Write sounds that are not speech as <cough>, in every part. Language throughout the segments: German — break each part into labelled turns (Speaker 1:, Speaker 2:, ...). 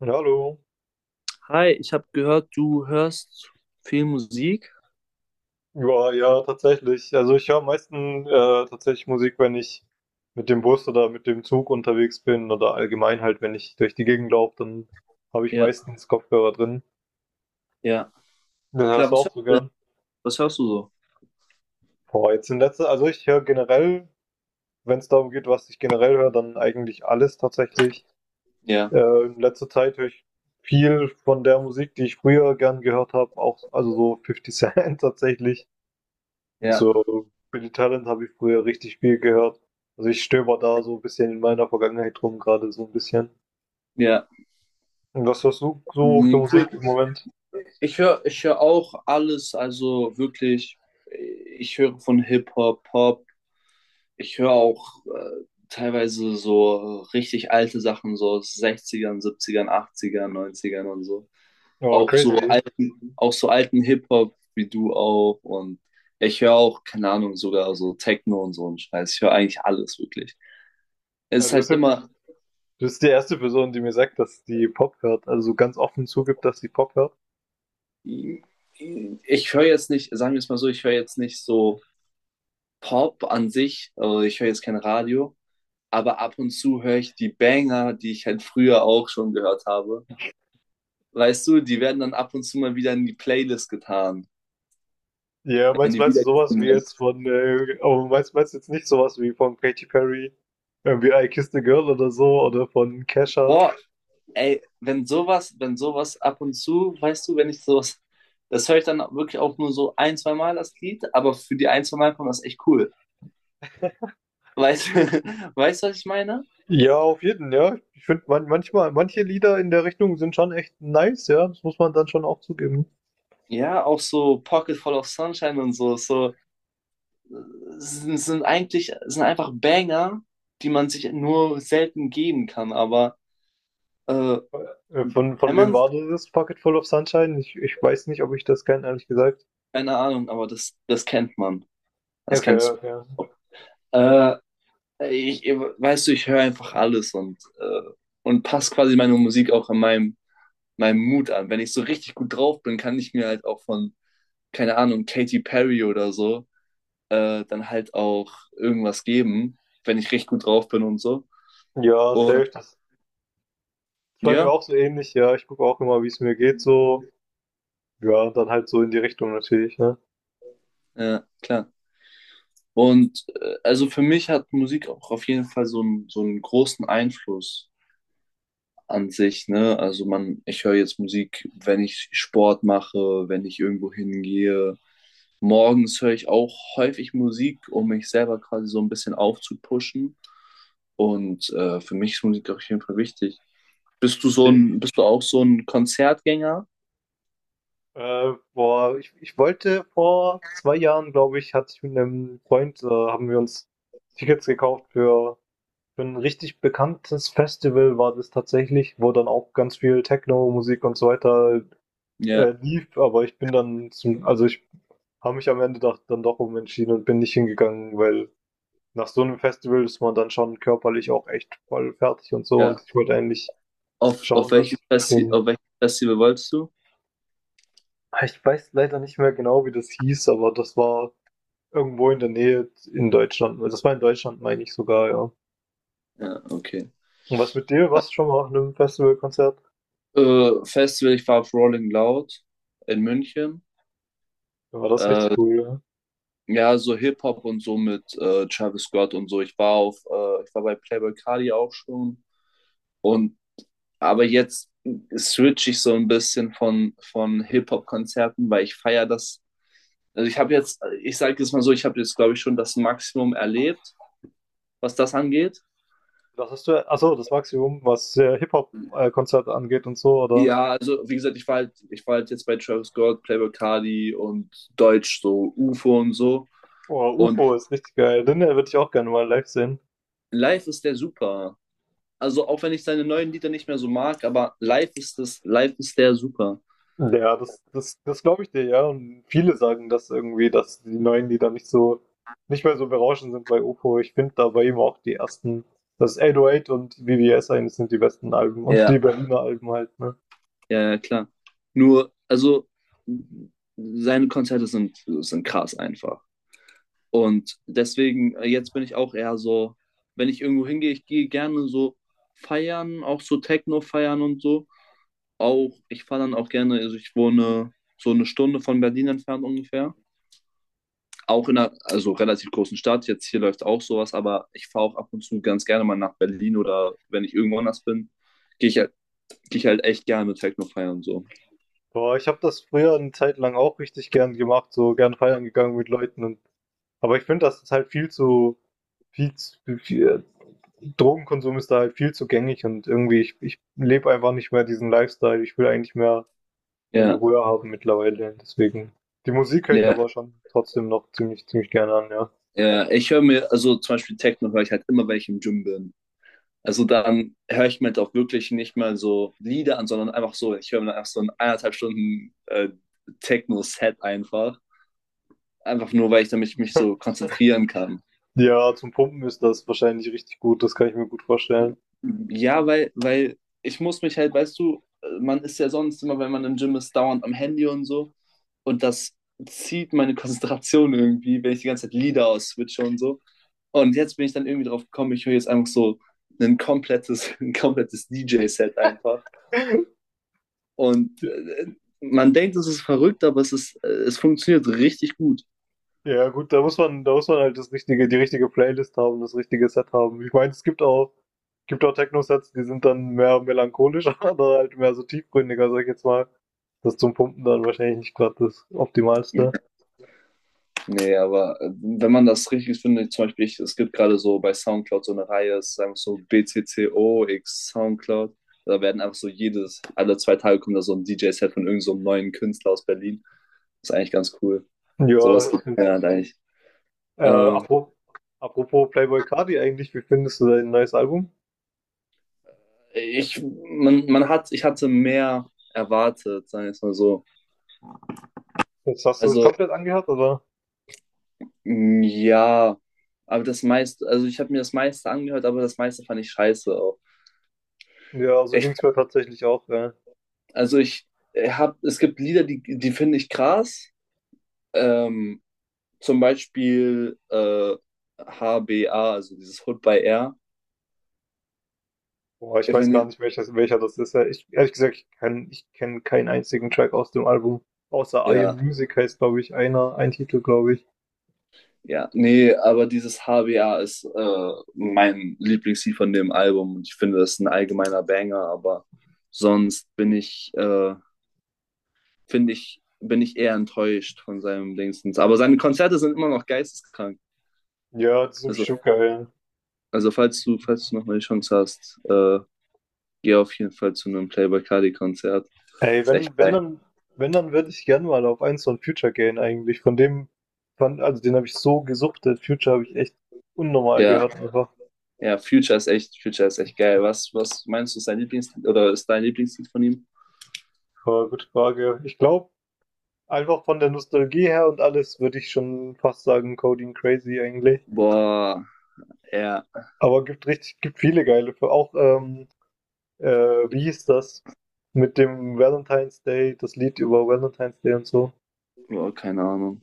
Speaker 1: Ja, Hallo.
Speaker 2: Hi, ich habe gehört, du hörst viel Musik.
Speaker 1: Ja, ja, tatsächlich. Also ich höre am meisten tatsächlich Musik, wenn ich mit dem Bus oder mit dem Zug unterwegs bin oder allgemein halt, wenn ich durch die Gegend laufe, dann habe ich
Speaker 2: Ja,
Speaker 1: meistens Kopfhörer drin.
Speaker 2: ja.
Speaker 1: Das hörst
Speaker 2: Klar,
Speaker 1: du auch so gern.
Speaker 2: was hörst du so?
Speaker 1: Boah, jetzt in letzter, also ich höre generell, wenn es darum geht, was ich generell höre, dann eigentlich alles tatsächlich.
Speaker 2: Ja,
Speaker 1: Äh, in letzter Zeit höre ich viel von der Musik, die ich früher gern gehört habe, auch also so Fifty Cent <laughs> tatsächlich. Und
Speaker 2: ja,
Speaker 1: so Billy Talent habe ich früher richtig viel gehört. Also ich stöber da so ein bisschen in meiner Vergangenheit rum, gerade so ein bisschen.
Speaker 2: ja.
Speaker 1: Und was hast du so für
Speaker 2: Mhm, cool.
Speaker 1: Musik im Moment?
Speaker 2: Ich höre auch alles, also wirklich, ich höre von Hip-Hop, Pop. Ich höre auch teilweise so richtig alte Sachen, so aus 60ern, 70ern, und so.
Speaker 1: Ja,
Speaker 2: auch so
Speaker 1: crazy.
Speaker 2: alten, auch so alten Hip-Hop wie du auch. Und ich höre auch, keine Ahnung, sogar so Techno und so einen Scheiß. Ich höre eigentlich alles wirklich. Es
Speaker 1: Also
Speaker 2: ist halt immer,
Speaker 1: du bist die erste Person, die mir sagt, dass die Pop hört. Also so ganz offen zugibt, dass die Pop hört.
Speaker 2: ich höre jetzt nicht, sagen wir es mal so, ich höre jetzt nicht so Pop an sich, also ich höre jetzt kein Radio, aber ab und zu höre ich die Banger, die ich halt früher auch schon gehört habe. Weißt du, die werden dann ab und zu mal wieder in die Playlist getan,
Speaker 1: Ja,
Speaker 2: wenn
Speaker 1: meinst,
Speaker 2: die
Speaker 1: meinst du sowas wie
Speaker 2: wiedergefunden werden.
Speaker 1: jetzt aber meinst du jetzt nicht sowas wie von Katy Perry, irgendwie I Kissed a Girl oder so, oder von Kesha?
Speaker 2: Boah, ey, wenn sowas ab und zu, weißt du, wenn ich sowas, das höre ich dann wirklich auch nur so ein, zwei Mal das Lied, aber für die ein, zwei Mal kommt das echt cool. Weißt du, <laughs> weißt du, was ich meine?
Speaker 1: Ja, auf jeden, ja. Ich finde man manchmal manche Lieder in der Richtung sind schon echt nice, ja. Das muss man dann schon auch zugeben.
Speaker 2: Ja, auch so Pocket Full of Sunshine und so sind einfach Banger, die man sich nur selten geben kann, aber äh,
Speaker 1: Von
Speaker 2: wenn
Speaker 1: wem
Speaker 2: man,
Speaker 1: war das? Pocket Full of Sunshine? Ich weiß nicht, ob ich das kenne, ehrlich gesagt.
Speaker 2: keine Ahnung, aber das kennt man. Das
Speaker 1: Okay,
Speaker 2: kennst
Speaker 1: okay.
Speaker 2: du. Äh, Weißt du, ich höre einfach alles und passe quasi meine Musik auch an meinem Mut an. Wenn ich so richtig gut drauf bin, kann ich mir halt auch von, keine Ahnung, Katy Perry oder so, dann halt auch irgendwas geben, wenn ich richtig gut drauf bin und so.
Speaker 1: Ja,
Speaker 2: Und
Speaker 1: safe. Das ist bei mir
Speaker 2: ja,
Speaker 1: auch so ähnlich, ja. Ich gucke auch immer, wie es mir geht, so. Ja, dann halt so in die Richtung natürlich, ne?
Speaker 2: ja, klar. Und also für mich hat Musik auch auf jeden Fall so einen großen Einfluss an sich, ne? Also, ich höre jetzt Musik, wenn ich Sport mache, wenn ich irgendwo hingehe. Morgens höre ich auch häufig Musik, um mich selber quasi so ein bisschen aufzupushen. Und für mich ist Musik auf jeden Fall wichtig. Bist du so
Speaker 1: Nee.
Speaker 2: ein, bist du auch so ein Konzertgänger?
Speaker 1: Boah, ich wollte vor 2 Jahren, glaube ich, hatte ich mit einem Freund, haben wir uns Tickets gekauft für 'n richtig bekanntes Festival war das tatsächlich, wo dann auch ganz viel Techno-Musik und so weiter,
Speaker 2: Ja,
Speaker 1: lief, aber ich bin dann zum also, ich habe mich am Ende doch dann doch umentschieden und bin nicht hingegangen, weil nach so einem Festival ist man dann schon körperlich auch echt voll fertig und so und
Speaker 2: ja.
Speaker 1: ich wollte eigentlich
Speaker 2: Auf, auf
Speaker 1: schauen, dass
Speaker 2: welches
Speaker 1: ich
Speaker 2: Festi
Speaker 1: bisschen.
Speaker 2: auf welches Festival wolltest du?
Speaker 1: Ich weiß leider nicht mehr genau, wie das hieß, aber das war irgendwo in der Nähe in Deutschland. Also das war in Deutschland, meine ich sogar, ja.
Speaker 2: Ja, okay.
Speaker 1: Und was mit dir? Warst du schon mal auf einem Festivalkonzert?
Speaker 2: Festival, ich war auf Rolling Loud in München.
Speaker 1: Dann war das richtig
Speaker 2: Äh,
Speaker 1: cool, ja?
Speaker 2: ja, so Hip-Hop und so mit Travis Scott und so. Ich war bei Playboi Carti auch schon. Und aber jetzt switch ich so ein bisschen von Hip-Hop-Konzerten, weil ich feiere das. Also ich habe jetzt, ich sage jetzt mal so, ich habe jetzt, glaube ich, schon das Maximum erlebt, was das angeht.
Speaker 1: Das ist ja, ach so, das Maximum, was Hip-Hop-Konzert angeht und so, oder?
Speaker 2: Ja, also wie gesagt, ich war halt jetzt bei Travis Scott, Playboi Carti und Deutsch, so UFO und so.
Speaker 1: Oh,
Speaker 2: Und
Speaker 1: UFO ist richtig geil. Den würde ich auch gerne mal live sehen.
Speaker 2: live ist der super. Also auch wenn ich seine neuen Lieder nicht mehr so mag, aber live ist der super.
Speaker 1: Mhm. Ja, das glaube ich dir, ja. Und viele sagen das irgendwie, dass die neuen Lieder nicht mehr so berauschend sind bei UFO. Ich finde da bei ihm auch die ersten, das ist 808 und VVS eigentlich sind die besten Alben und
Speaker 2: Ja.
Speaker 1: die Berliner Alben halt, ne?
Speaker 2: Ja, ja, klar. Nur, also seine Konzerte sind krass einfach. Und deswegen, jetzt bin ich auch eher so, wenn ich irgendwo hingehe, ich gehe gerne so feiern, auch so Techno feiern und so. Auch, ich fahre dann auch gerne, also ich wohne so eine Stunde von Berlin entfernt ungefähr. Auch in einer, also relativ großen Stadt. Jetzt hier läuft auch sowas, aber ich fahre auch ab und zu ganz gerne mal nach Berlin oder wenn ich irgendwo anders bin, gehe ich, halt- gehe ich halt echt gerne Techno feiern und so.
Speaker 1: Boah, ich habe das früher eine Zeit lang auch richtig gern gemacht, so gern feiern gegangen mit Leuten und, aber ich finde, das ist halt viel zu, viel, Drogenkonsum ist da halt viel zu gängig und irgendwie, ich lebe einfach nicht mehr diesen Lifestyle. Ich will eigentlich mehr meine
Speaker 2: Ja,
Speaker 1: Ruhe haben mittlerweile. Deswegen. Die Musik höre ich
Speaker 2: ja.
Speaker 1: aber schon trotzdem noch ziemlich, ziemlich gerne an, ja.
Speaker 2: Ja, ich höre mir, also zum Beispiel Techno höre ich halt immer, wenn ich im Gym bin. Also dann höre ich mir halt auch wirklich nicht mal so Lieder an, sondern einfach so, ich höre mir dann einfach so ein eineinhalb Stunden Techno-Set einfach. Einfach nur, weil ich damit mich so konzentrieren kann.
Speaker 1: Ja, zum Pumpen ist das wahrscheinlich richtig gut, das kann ich mir gut vorstellen.
Speaker 2: Ja, weil ich muss mich halt, weißt du, man ist ja sonst immer, wenn man im Gym ist, dauernd am Handy und so. Und das zieht meine Konzentration irgendwie, wenn ich die ganze Zeit Lieder ausswitche und so. Und jetzt bin ich dann irgendwie drauf gekommen, ich höre jetzt einfach so ein komplettes, <laughs> ein komplettes DJ-Set einfach. Und
Speaker 1: Ja,
Speaker 2: man denkt, es ist verrückt, aber es funktioniert richtig gut.
Speaker 1: ja, gut, da muss man halt das richtige, die richtige Playlist haben, das richtige Set haben. Ich meine, es gibt auch Techno-Sets, die sind dann mehr melancholisch <laughs> oder halt mehr so tiefgründiger, sag ich jetzt mal. Das zum Pumpen dann wahrscheinlich nicht gerade das Optimalste.
Speaker 2: Nee, aber wenn man das richtig findet, zum Beispiel, es gibt gerade so bei SoundCloud so eine Reihe, es ist einfach so BCCO x SoundCloud. Da werden einfach so alle zwei Tage kommt da so ein DJ-Set von irgend so einem neuen Künstler aus Berlin. Das ist eigentlich ganz cool.
Speaker 1: Ja,
Speaker 2: Sowas
Speaker 1: das
Speaker 2: gibt es
Speaker 1: stimmt.
Speaker 2: ja eigentlich.
Speaker 1: Äh,
Speaker 2: Äh,
Speaker 1: apro apropos Playboi Carti eigentlich, wie findest du dein neues Album?
Speaker 2: ich hatte mehr erwartet, sagen wir es mal so.
Speaker 1: Jetzt hast du es
Speaker 2: Also,
Speaker 1: komplett angehört, oder?
Speaker 2: ja, aber das meiste, also ich habe mir das meiste angehört, aber das meiste fand ich scheiße auch.
Speaker 1: Ja, so ging es mir tatsächlich auch. Ja.
Speaker 2: Also ich habe, es gibt Lieder, die finde ich krass. Ähm, zum Beispiel HBA, also dieses Hood by Air.
Speaker 1: Boah, ich
Speaker 2: Ich
Speaker 1: weiß gar
Speaker 2: find,
Speaker 1: nicht, welches, welcher das ist. Ja, ich, ehrlich gesagt, ich kenne keinen einzigen Track aus dem Album. Außer I Am
Speaker 2: ja,
Speaker 1: Music heißt, glaube ich, einer, ein Titel, glaube ich.
Speaker 2: ja, nee, aber dieses HBA ist mein Lieblingslied von dem Album und ich finde, das ist ein allgemeiner Banger, aber sonst finde ich, bin ich eher enttäuscht von seinem Dingstens. Aber seine Konzerte sind immer noch geisteskrank.
Speaker 1: Ja, das ist
Speaker 2: Also,
Speaker 1: bestimmt geil.
Speaker 2: also, falls du nochmal die Chance hast, gehe auf jeden Fall zu einem Playboi Carti Konzert.
Speaker 1: Ey,
Speaker 2: Ist
Speaker 1: wenn,
Speaker 2: echt
Speaker 1: wenn
Speaker 2: geil.
Speaker 1: dann, wenn dann würde ich gerne mal auf eins von Future gehen eigentlich. Also den habe ich so gesuchtet. Future habe ich echt unnormal
Speaker 2: Ja,
Speaker 1: gehört einfach.
Speaker 2: ja, Future ist echt geil. Was meinst du, ist dein Lieblingslied oder ist dein Lieblingslied von ihm?
Speaker 1: Ja, gute Frage. Ich glaube, einfach von der Nostalgie her und alles würde ich schon fast sagen, Coding Crazy eigentlich.
Speaker 2: Boah, ja,
Speaker 1: Aber gibt richtig, gibt viele geile. Für auch, äh, wie hieß das? Mit dem Valentine's Day, das Lied über Valentine's Day und so.
Speaker 2: boah, keine Ahnung.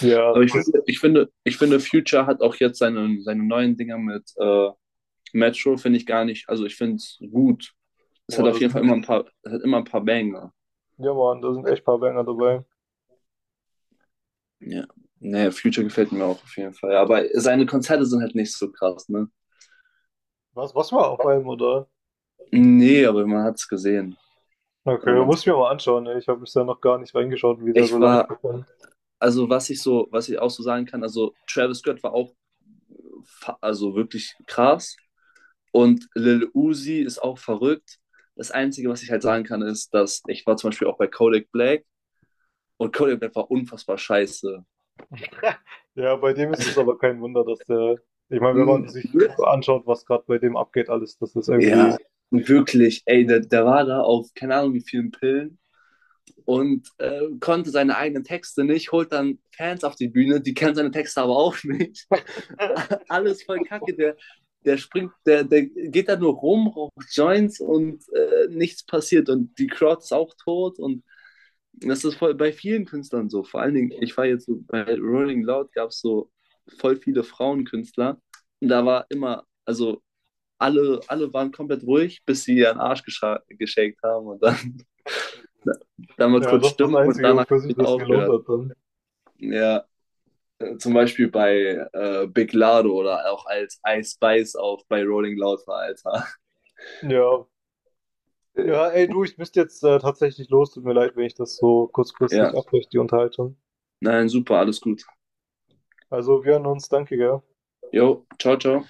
Speaker 1: Ja,
Speaker 2: Aber ich
Speaker 1: das ist,
Speaker 2: finde, ich finde, ich finde, Future hat auch jetzt seine neuen Dinger mit Metro, finde ich gar nicht. Also ich finde es gut. Es hat
Speaker 1: boah,
Speaker 2: auf
Speaker 1: das
Speaker 2: jeden Fall
Speaker 1: sind,
Speaker 2: immer ein paar, es hat immer ein paar Banger.
Speaker 1: ja Mann, da sind echt paar Banger dabei.
Speaker 2: Ja. Nee, Future gefällt mir auch auf jeden Fall. Aber seine Konzerte sind halt nicht so krass, ne?
Speaker 1: Was war auf einem, oder?
Speaker 2: Nee, aber man hat es gesehen.
Speaker 1: Okay,
Speaker 2: Oder man
Speaker 1: muss ich mir mal anschauen, ey. Ich habe bisher noch gar nicht reingeschaut, wie der so
Speaker 2: Ich
Speaker 1: live
Speaker 2: war,
Speaker 1: performt.
Speaker 2: also was ich auch so sagen kann, also Travis Scott war auch, also wirklich krass und Lil Uzi ist auch verrückt. Das Einzige, was ich halt sagen kann, ist, dass ich war zum Beispiel auch bei Kodak Black und Kodak Black war unfassbar scheiße.
Speaker 1: Ja, bei dem ist es aber kein Wunder, dass der. Ich meine, wenn man
Speaker 2: Mm.
Speaker 1: sich
Speaker 2: <laughs>
Speaker 1: anschaut, was gerade bei dem abgeht, alles, das ist
Speaker 2: Ja,
Speaker 1: irgendwie.
Speaker 2: wirklich, ey, der war da auf keine Ahnung wie vielen Pillen und konnte seine eigenen Texte nicht, holt dann Fans auf die Bühne, die kennen seine Texte aber auch nicht. <laughs> Alles voll kacke. Der geht da nur rum, raucht Joints und nichts passiert. Und die Crowd ist auch tot. Und das ist voll bei vielen Künstlern so. Vor allen Dingen, ich war jetzt so, bei Rolling Loud, gab es so voll viele Frauenkünstler. Und da war immer, also alle waren komplett ruhig, bis sie ihren Arsch geschenkt haben und dann, <laughs> dann mal
Speaker 1: Ja,
Speaker 2: kurz
Speaker 1: das ist das
Speaker 2: Stimmung und
Speaker 1: Einzige,
Speaker 2: danach
Speaker 1: wofür sich
Speaker 2: wieder
Speaker 1: das gelohnt
Speaker 2: aufgehört.
Speaker 1: hat dann.
Speaker 2: Ja, zum Beispiel bei Big Lardo oder auch als Ice Spice auf bei Rolling Loud war, Alter. <laughs>
Speaker 1: Ja. Ja,
Speaker 2: Ja.
Speaker 1: ey, du, ich müsste jetzt tatsächlich los. Tut mir leid, wenn ich das so
Speaker 2: Ja,
Speaker 1: kurzfristig abbreche, die Unterhaltung.
Speaker 2: nein, super, alles gut.
Speaker 1: Also, wir hören uns. Danke, gell?
Speaker 2: Jo, ciao, ciao.